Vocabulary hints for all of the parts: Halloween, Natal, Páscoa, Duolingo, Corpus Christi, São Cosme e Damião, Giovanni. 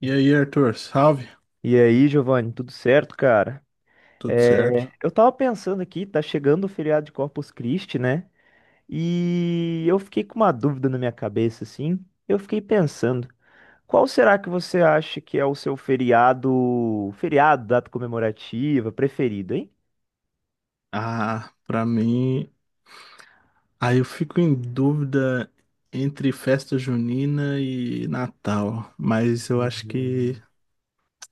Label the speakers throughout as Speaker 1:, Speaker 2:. Speaker 1: E aí, Arthur, salve?
Speaker 2: E aí, Giovanni, tudo certo, cara?
Speaker 1: Tudo
Speaker 2: É,
Speaker 1: certo?
Speaker 2: eu tava pensando aqui, tá chegando o feriado de Corpus Christi, né? E eu fiquei com uma dúvida na minha cabeça, assim. Eu fiquei pensando, qual será que você acha que é o seu feriado, feriado, data comemorativa preferido, hein?
Speaker 1: Pra mim, aí eu fico em dúvida entre festa junina e Natal, mas eu acho que
Speaker 2: Uhum.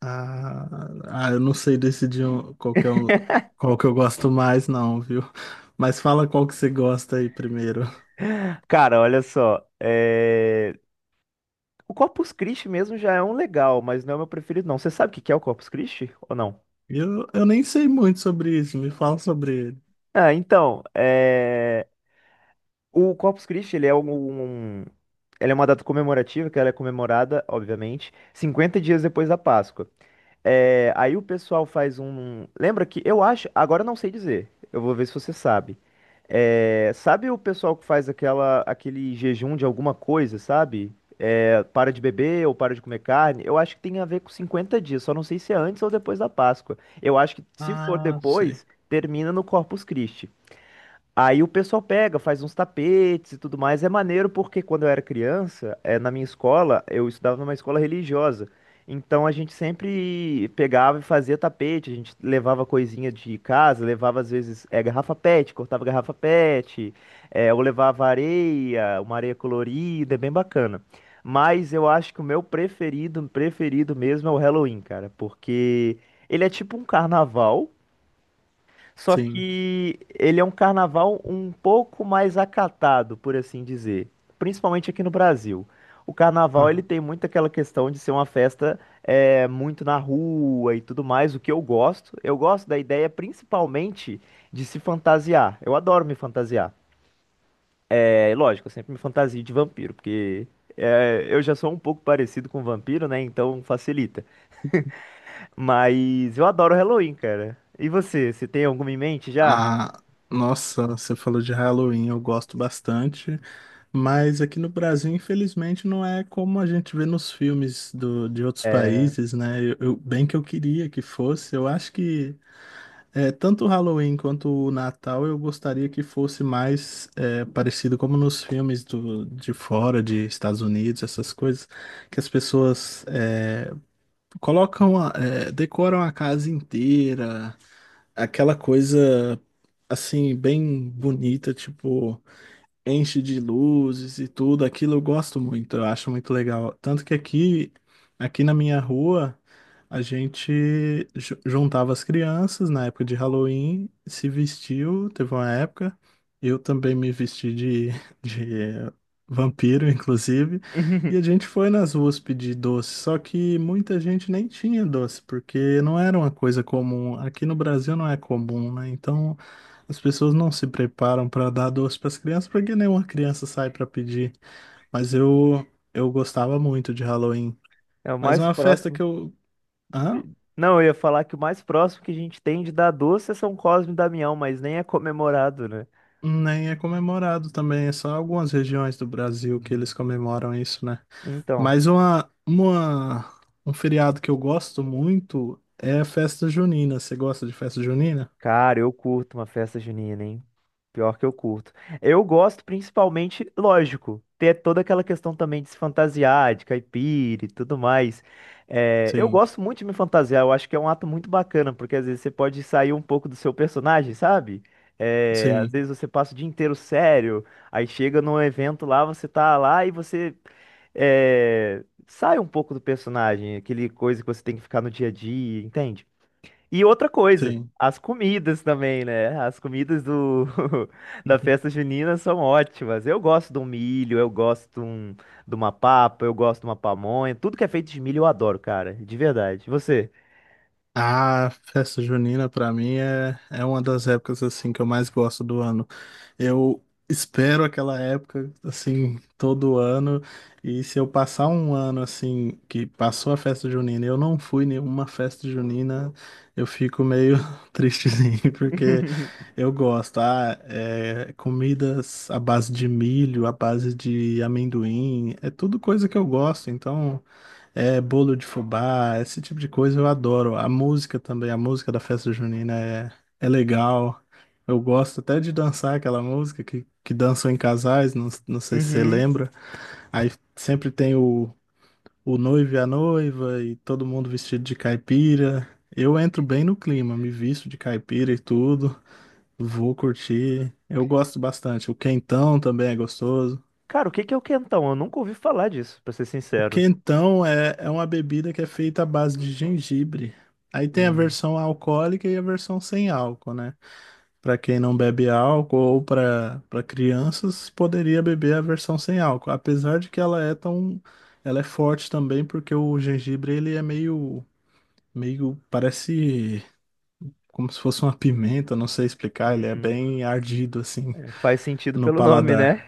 Speaker 1: eu não sei decidir qual que é um, qual que eu gosto mais, não, viu? Mas fala qual que você gosta aí primeiro.
Speaker 2: Cara, olha só, é, o Corpus Christi mesmo já é um legal, mas não é o meu preferido, não. Você sabe o que que é o Corpus Christi ou não?
Speaker 1: Eu nem sei muito sobre isso, me fala sobre ele.
Speaker 2: Ah, então, o Corpus Christi, ele é ela é uma data comemorativa, que ela é comemorada, obviamente, 50 dias depois da Páscoa. É, aí o pessoal faz Lembra que eu acho. Agora eu não sei dizer. Eu vou ver se você sabe. É, sabe o pessoal que faz aquele jejum de alguma coisa, sabe? É, para de beber ou para de comer carne? Eu acho que tem a ver com 50 dias, só não sei se é antes ou depois da Páscoa. Eu acho que se for
Speaker 1: Ah, sei.
Speaker 2: depois, termina no Corpus Christi. Aí o pessoal pega, faz uns tapetes e tudo mais. É maneiro porque quando eu era criança, na minha escola, eu estudava numa escola religiosa. Então a gente sempre pegava e fazia tapete, a gente levava coisinha de casa, levava às vezes garrafa PET, cortava garrafa PET, ou levava areia, uma areia colorida, é bem bacana. Mas eu acho que o meu preferido, preferido mesmo é o Halloween, cara, porque ele é tipo um carnaval. Só
Speaker 1: Sim.
Speaker 2: que ele é um carnaval um pouco mais acatado, por assim dizer, principalmente aqui no Brasil. O carnaval ele tem muito aquela questão de ser uma festa muito na rua e tudo mais, o que eu gosto. Eu gosto da ideia principalmente de se fantasiar. Eu adoro me fantasiar. É lógico, eu sempre me fantasio de vampiro, porque eu já sou um pouco parecido com vampiro, né? Então facilita. Mas eu adoro Halloween, cara. E você, tem alguma em mente já?
Speaker 1: Ah, nossa, você falou de Halloween, eu gosto bastante, mas aqui no Brasil, infelizmente, não é como a gente vê nos filmes de outros países, né? Bem que eu queria que fosse, eu acho que é, tanto o Halloween quanto o Natal eu gostaria que fosse mais é, parecido como nos filmes de fora, de Estados Unidos, essas coisas, que as pessoas é, colocam, é, decoram a casa inteira aquela coisa assim, bem bonita, tipo enche de luzes e tudo, aquilo eu gosto muito, eu acho muito legal. Tanto que aqui, aqui na minha rua, a gente juntava as crianças na época de Halloween, se vestiu, teve uma época, eu também me vesti de, de vampiro, inclusive, e a gente foi nas ruas pedir doce, só que muita gente nem tinha doce, porque não era uma coisa comum, aqui no Brasil não é comum, né? Então as pessoas não se preparam para dar doce para as crianças porque nenhuma criança sai para pedir. Mas eu gostava muito de Halloween.
Speaker 2: É o
Speaker 1: Mas
Speaker 2: mais
Speaker 1: uma festa
Speaker 2: próximo.
Speaker 1: que eu... Hã?
Speaker 2: Não, eu ia falar que o mais próximo que a gente tem de dar doce é São Cosme e Damião, mas nem é comemorado, né?
Speaker 1: Nem é comemorado também, é só algumas regiões do Brasil que eles comemoram isso, né?
Speaker 2: Então.
Speaker 1: Mas uma Um feriado que eu gosto muito é a festa junina. Você gosta de festa junina?
Speaker 2: Cara, eu curto uma festa junina, hein? Pior que eu curto. Eu gosto principalmente, lógico, ter toda aquela questão também de se fantasiar, de caipira e tudo mais. É, eu
Speaker 1: Sim,
Speaker 2: gosto muito de me fantasiar, eu acho que é um ato muito bacana, porque às vezes você pode sair um pouco do seu personagem, sabe? É, às
Speaker 1: sim,
Speaker 2: vezes você passa o dia inteiro sério, aí chega num evento lá, você tá lá e você sai um pouco do personagem, aquele coisa que você tem que ficar no dia a dia, entende? E outra coisa,
Speaker 1: sim.
Speaker 2: as comidas também, né? As comidas do da festa junina são ótimas. Eu gosto de um milho, eu gosto de uma papa, eu gosto de uma pamonha. Tudo que é feito de milho eu adoro, cara, de verdade. E você?
Speaker 1: Ah, festa junina pra mim é, é uma das épocas assim que eu mais gosto do ano. Eu espero aquela época assim todo ano e se eu passar um ano assim que passou a festa junina e eu não fui em nenhuma festa junina, eu fico meio tristezinho porque eu gosto. Ah, é, comidas à base de milho, à base de amendoim, é tudo coisa que eu gosto, então é, bolo de fubá, esse tipo de coisa eu adoro. A música também, a música da festa junina é, é legal. Eu gosto até de dançar aquela música que dançam em casais, não, não sei se você
Speaker 2: Uhum.
Speaker 1: lembra. Aí sempre tem o noivo e a noiva e todo mundo vestido de caipira. Eu entro bem no clima, me visto de caipira e tudo, vou curtir. Eu gosto bastante. O quentão também é gostoso.
Speaker 2: Cara, o que que é o quentão? Eu nunca ouvi falar disso, pra ser
Speaker 1: O
Speaker 2: sincero.
Speaker 1: quentão é, é uma bebida que é feita à base de gengibre. Aí tem a
Speaker 2: Hum,
Speaker 1: versão alcoólica e a versão sem álcool, né? Para quem não bebe álcool ou para crianças, poderia beber a versão sem álcool, apesar de que ela é tão ela é forte também porque o gengibre ele é meio meio parece como se fosse uma pimenta, não sei explicar, ele é
Speaker 2: hum.
Speaker 1: bem ardido assim
Speaker 2: É, faz sentido
Speaker 1: no
Speaker 2: pelo nome,
Speaker 1: paladar.
Speaker 2: né?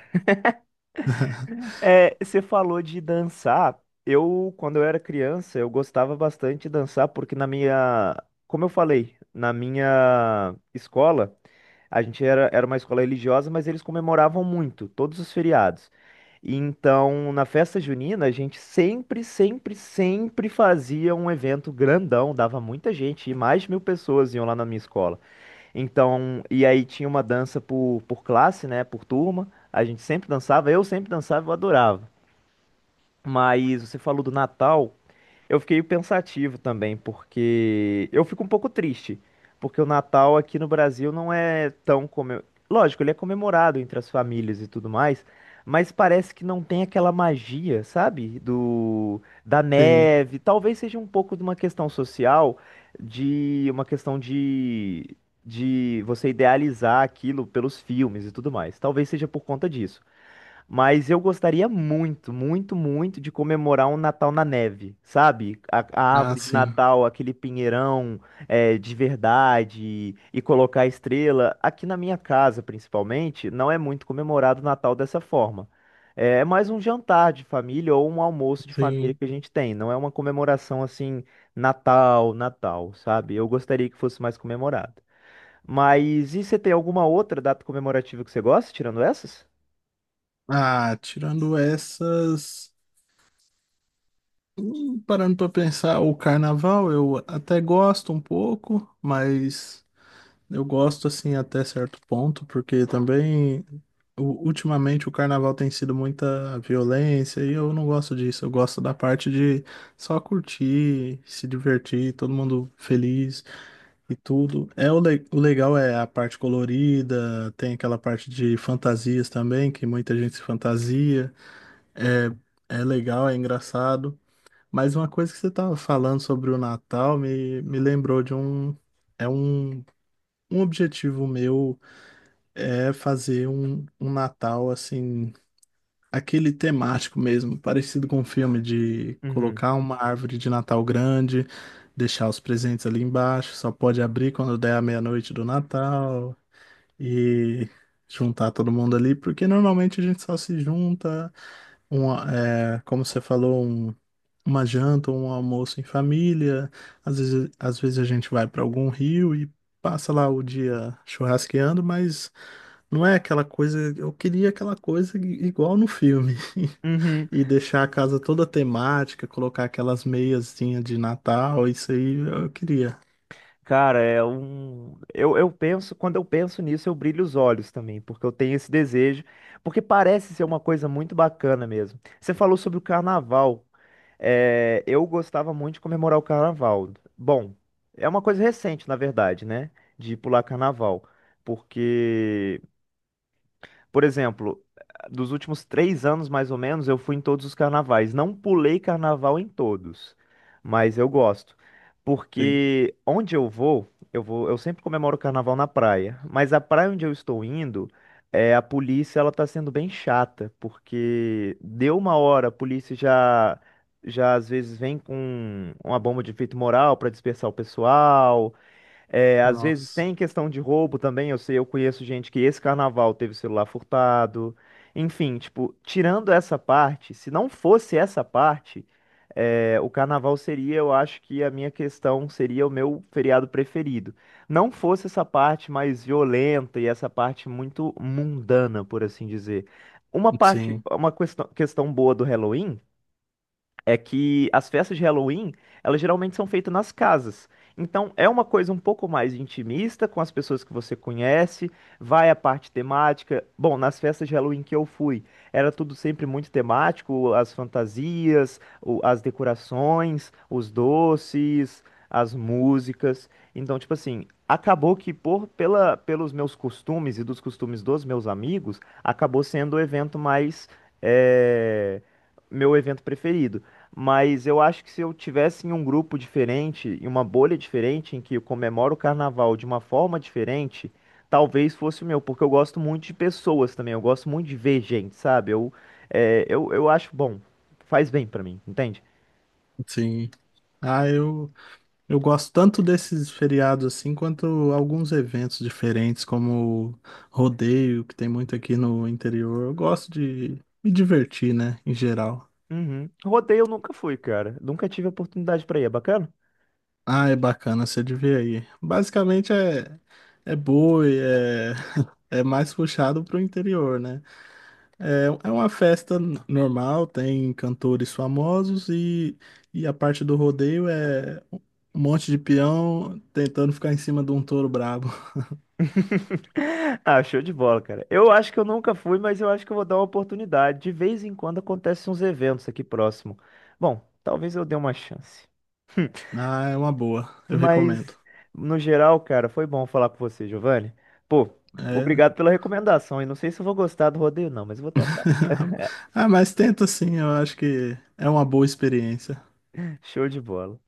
Speaker 2: É, você falou de dançar. Eu, quando eu era criança, eu gostava bastante de dançar, porque na minha, como eu falei, na minha escola, a gente era uma escola religiosa, mas eles comemoravam muito, todos os feriados. E então, na festa junina, a gente sempre, sempre, sempre fazia um evento grandão, dava muita gente, e mais de 1.000 pessoas iam lá na minha escola. Então, e aí tinha uma dança por classe, né? Por turma. A gente sempre dançava, eu adorava. Mas você falou do Natal. Eu fiquei pensativo também, porque eu fico um pouco triste, porque o Natal aqui no Brasil não é tão. Lógico, ele é comemorado entre as famílias e tudo mais, mas parece que não tem aquela magia, sabe? Do da
Speaker 1: Sim.
Speaker 2: neve. Talvez seja um pouco de uma questão social, de uma questão de você idealizar aquilo pelos filmes e tudo mais. Talvez seja por conta disso. Mas eu gostaria muito, muito, muito de comemorar um Natal na neve, sabe? A
Speaker 1: Ah,
Speaker 2: árvore de
Speaker 1: sim.
Speaker 2: Natal, aquele pinheirão de verdade e colocar estrela. Aqui na minha casa, principalmente, não é muito comemorado o Natal dessa forma. É mais um jantar de família ou um almoço de família
Speaker 1: Sim.
Speaker 2: que a gente tem. Não é uma comemoração assim, Natal, Natal, sabe? Eu gostaria que fosse mais comemorado. Mas e você tem alguma outra data comemorativa que você gosta, tirando essas?
Speaker 1: Ah, tirando essas... parando para pensar, o carnaval eu até gosto um pouco, mas eu gosto assim até certo ponto, porque também ultimamente o carnaval tem sido muita violência e eu não gosto disso. Eu gosto da parte de só curtir, se divertir, todo mundo feliz e tudo. É o legal é a parte colorida, tem aquela parte de fantasias também, que muita gente se fantasia. É, é legal, é engraçado. Mas uma coisa que você estava falando sobre o Natal me lembrou de um, é um, um objetivo meu é fazer um, um Natal assim, aquele temático mesmo, parecido com um filme de
Speaker 2: Uhum.
Speaker 1: colocar uma árvore de Natal grande, deixar os presentes ali embaixo, só pode abrir quando der a meia-noite do Natal e juntar todo mundo ali, porque normalmente a gente só se junta uma, é, como você falou, um, uma janta ou um almoço em família. Às vezes a gente vai para algum rio e passa lá o dia churrasqueando, mas não é aquela coisa. Eu queria aquela coisa igual no filme.
Speaker 2: Uhum.
Speaker 1: E deixar a casa toda temática, colocar aquelas meiazinhas de Natal, isso aí eu queria.
Speaker 2: Cara, Eu penso, quando eu penso nisso, eu brilho os olhos também, porque eu tenho esse desejo, porque parece ser uma coisa muito bacana mesmo. Você falou sobre o carnaval. É, eu gostava muito de comemorar o carnaval. Bom, é uma coisa recente, na verdade, né? De pular carnaval. Porque por exemplo, dos últimos 3 anos, mais ou menos, eu fui em todos os carnavais. Não pulei carnaval em todos, mas eu gosto.
Speaker 1: Sim.
Speaker 2: Porque onde eu vou, eu sempre comemoro o carnaval na praia. Mas a praia onde eu estou indo, a polícia, ela tá sendo bem chata. Porque deu uma hora, a polícia já às vezes vem com uma bomba de efeito moral para dispersar o pessoal. É, às vezes
Speaker 1: Nossa.
Speaker 2: tem questão de roubo também. Eu sei, eu conheço gente que esse carnaval teve celular furtado. Enfim, tipo, tirando essa parte, se não fosse essa parte, o carnaval seria, eu acho que a minha questão seria o meu feriado preferido. Não fosse essa parte mais violenta e essa parte muito mundana, por assim dizer. Uma parte,
Speaker 1: Sim,
Speaker 2: uma questão, questão boa do Halloween é que as festas de Halloween, elas geralmente são feitas nas casas. Então é uma coisa um pouco mais intimista com as pessoas que você conhece, vai a parte temática. Bom, nas festas de Halloween que eu fui, era tudo sempre muito temático, as fantasias, as decorações, os doces, as músicas. Então, tipo assim, acabou que por pela pelos meus costumes e dos costumes dos meus amigos, acabou sendo o evento é, meu evento preferido. Mas eu acho que se eu tivesse em um grupo diferente, em uma bolha diferente, em que eu comemoro o carnaval de uma forma diferente, talvez fosse o meu, porque eu gosto muito de pessoas também, eu gosto muito de ver gente, sabe? Eu acho bom, faz bem pra mim, entende?
Speaker 1: sim. Ah, eu... Eu gosto tanto desses feriados assim, quanto alguns eventos diferentes, como o rodeio, que tem muito aqui no interior. Eu gosto de me divertir, né, em geral.
Speaker 2: Uhum. Rodeio eu nunca fui, cara. Nunca tive oportunidade pra ir, é bacana?
Speaker 1: Ah, é bacana, você de ver aí. Basicamente é, é boi, é, é mais puxado pro interior, né? É, é uma festa normal, tem cantores famosos e a parte do rodeio é um monte de peão tentando ficar em cima de um touro brabo.
Speaker 2: Ah, show de bola, cara. Eu acho que eu nunca fui, mas eu acho que eu vou dar uma oportunidade. De vez em quando acontecem uns eventos aqui próximo. Bom, talvez eu dê uma chance.
Speaker 1: Ah, é uma boa. Eu recomendo.
Speaker 2: Mas, no geral, cara, foi bom falar com você, Giovanni. Pô,
Speaker 1: É.
Speaker 2: obrigado pela recomendação. E não sei se eu vou gostar do rodeio, não, mas eu vou tentar.
Speaker 1: Ah, mas tenta sim, eu acho que é uma boa experiência.
Speaker 2: Show de bola.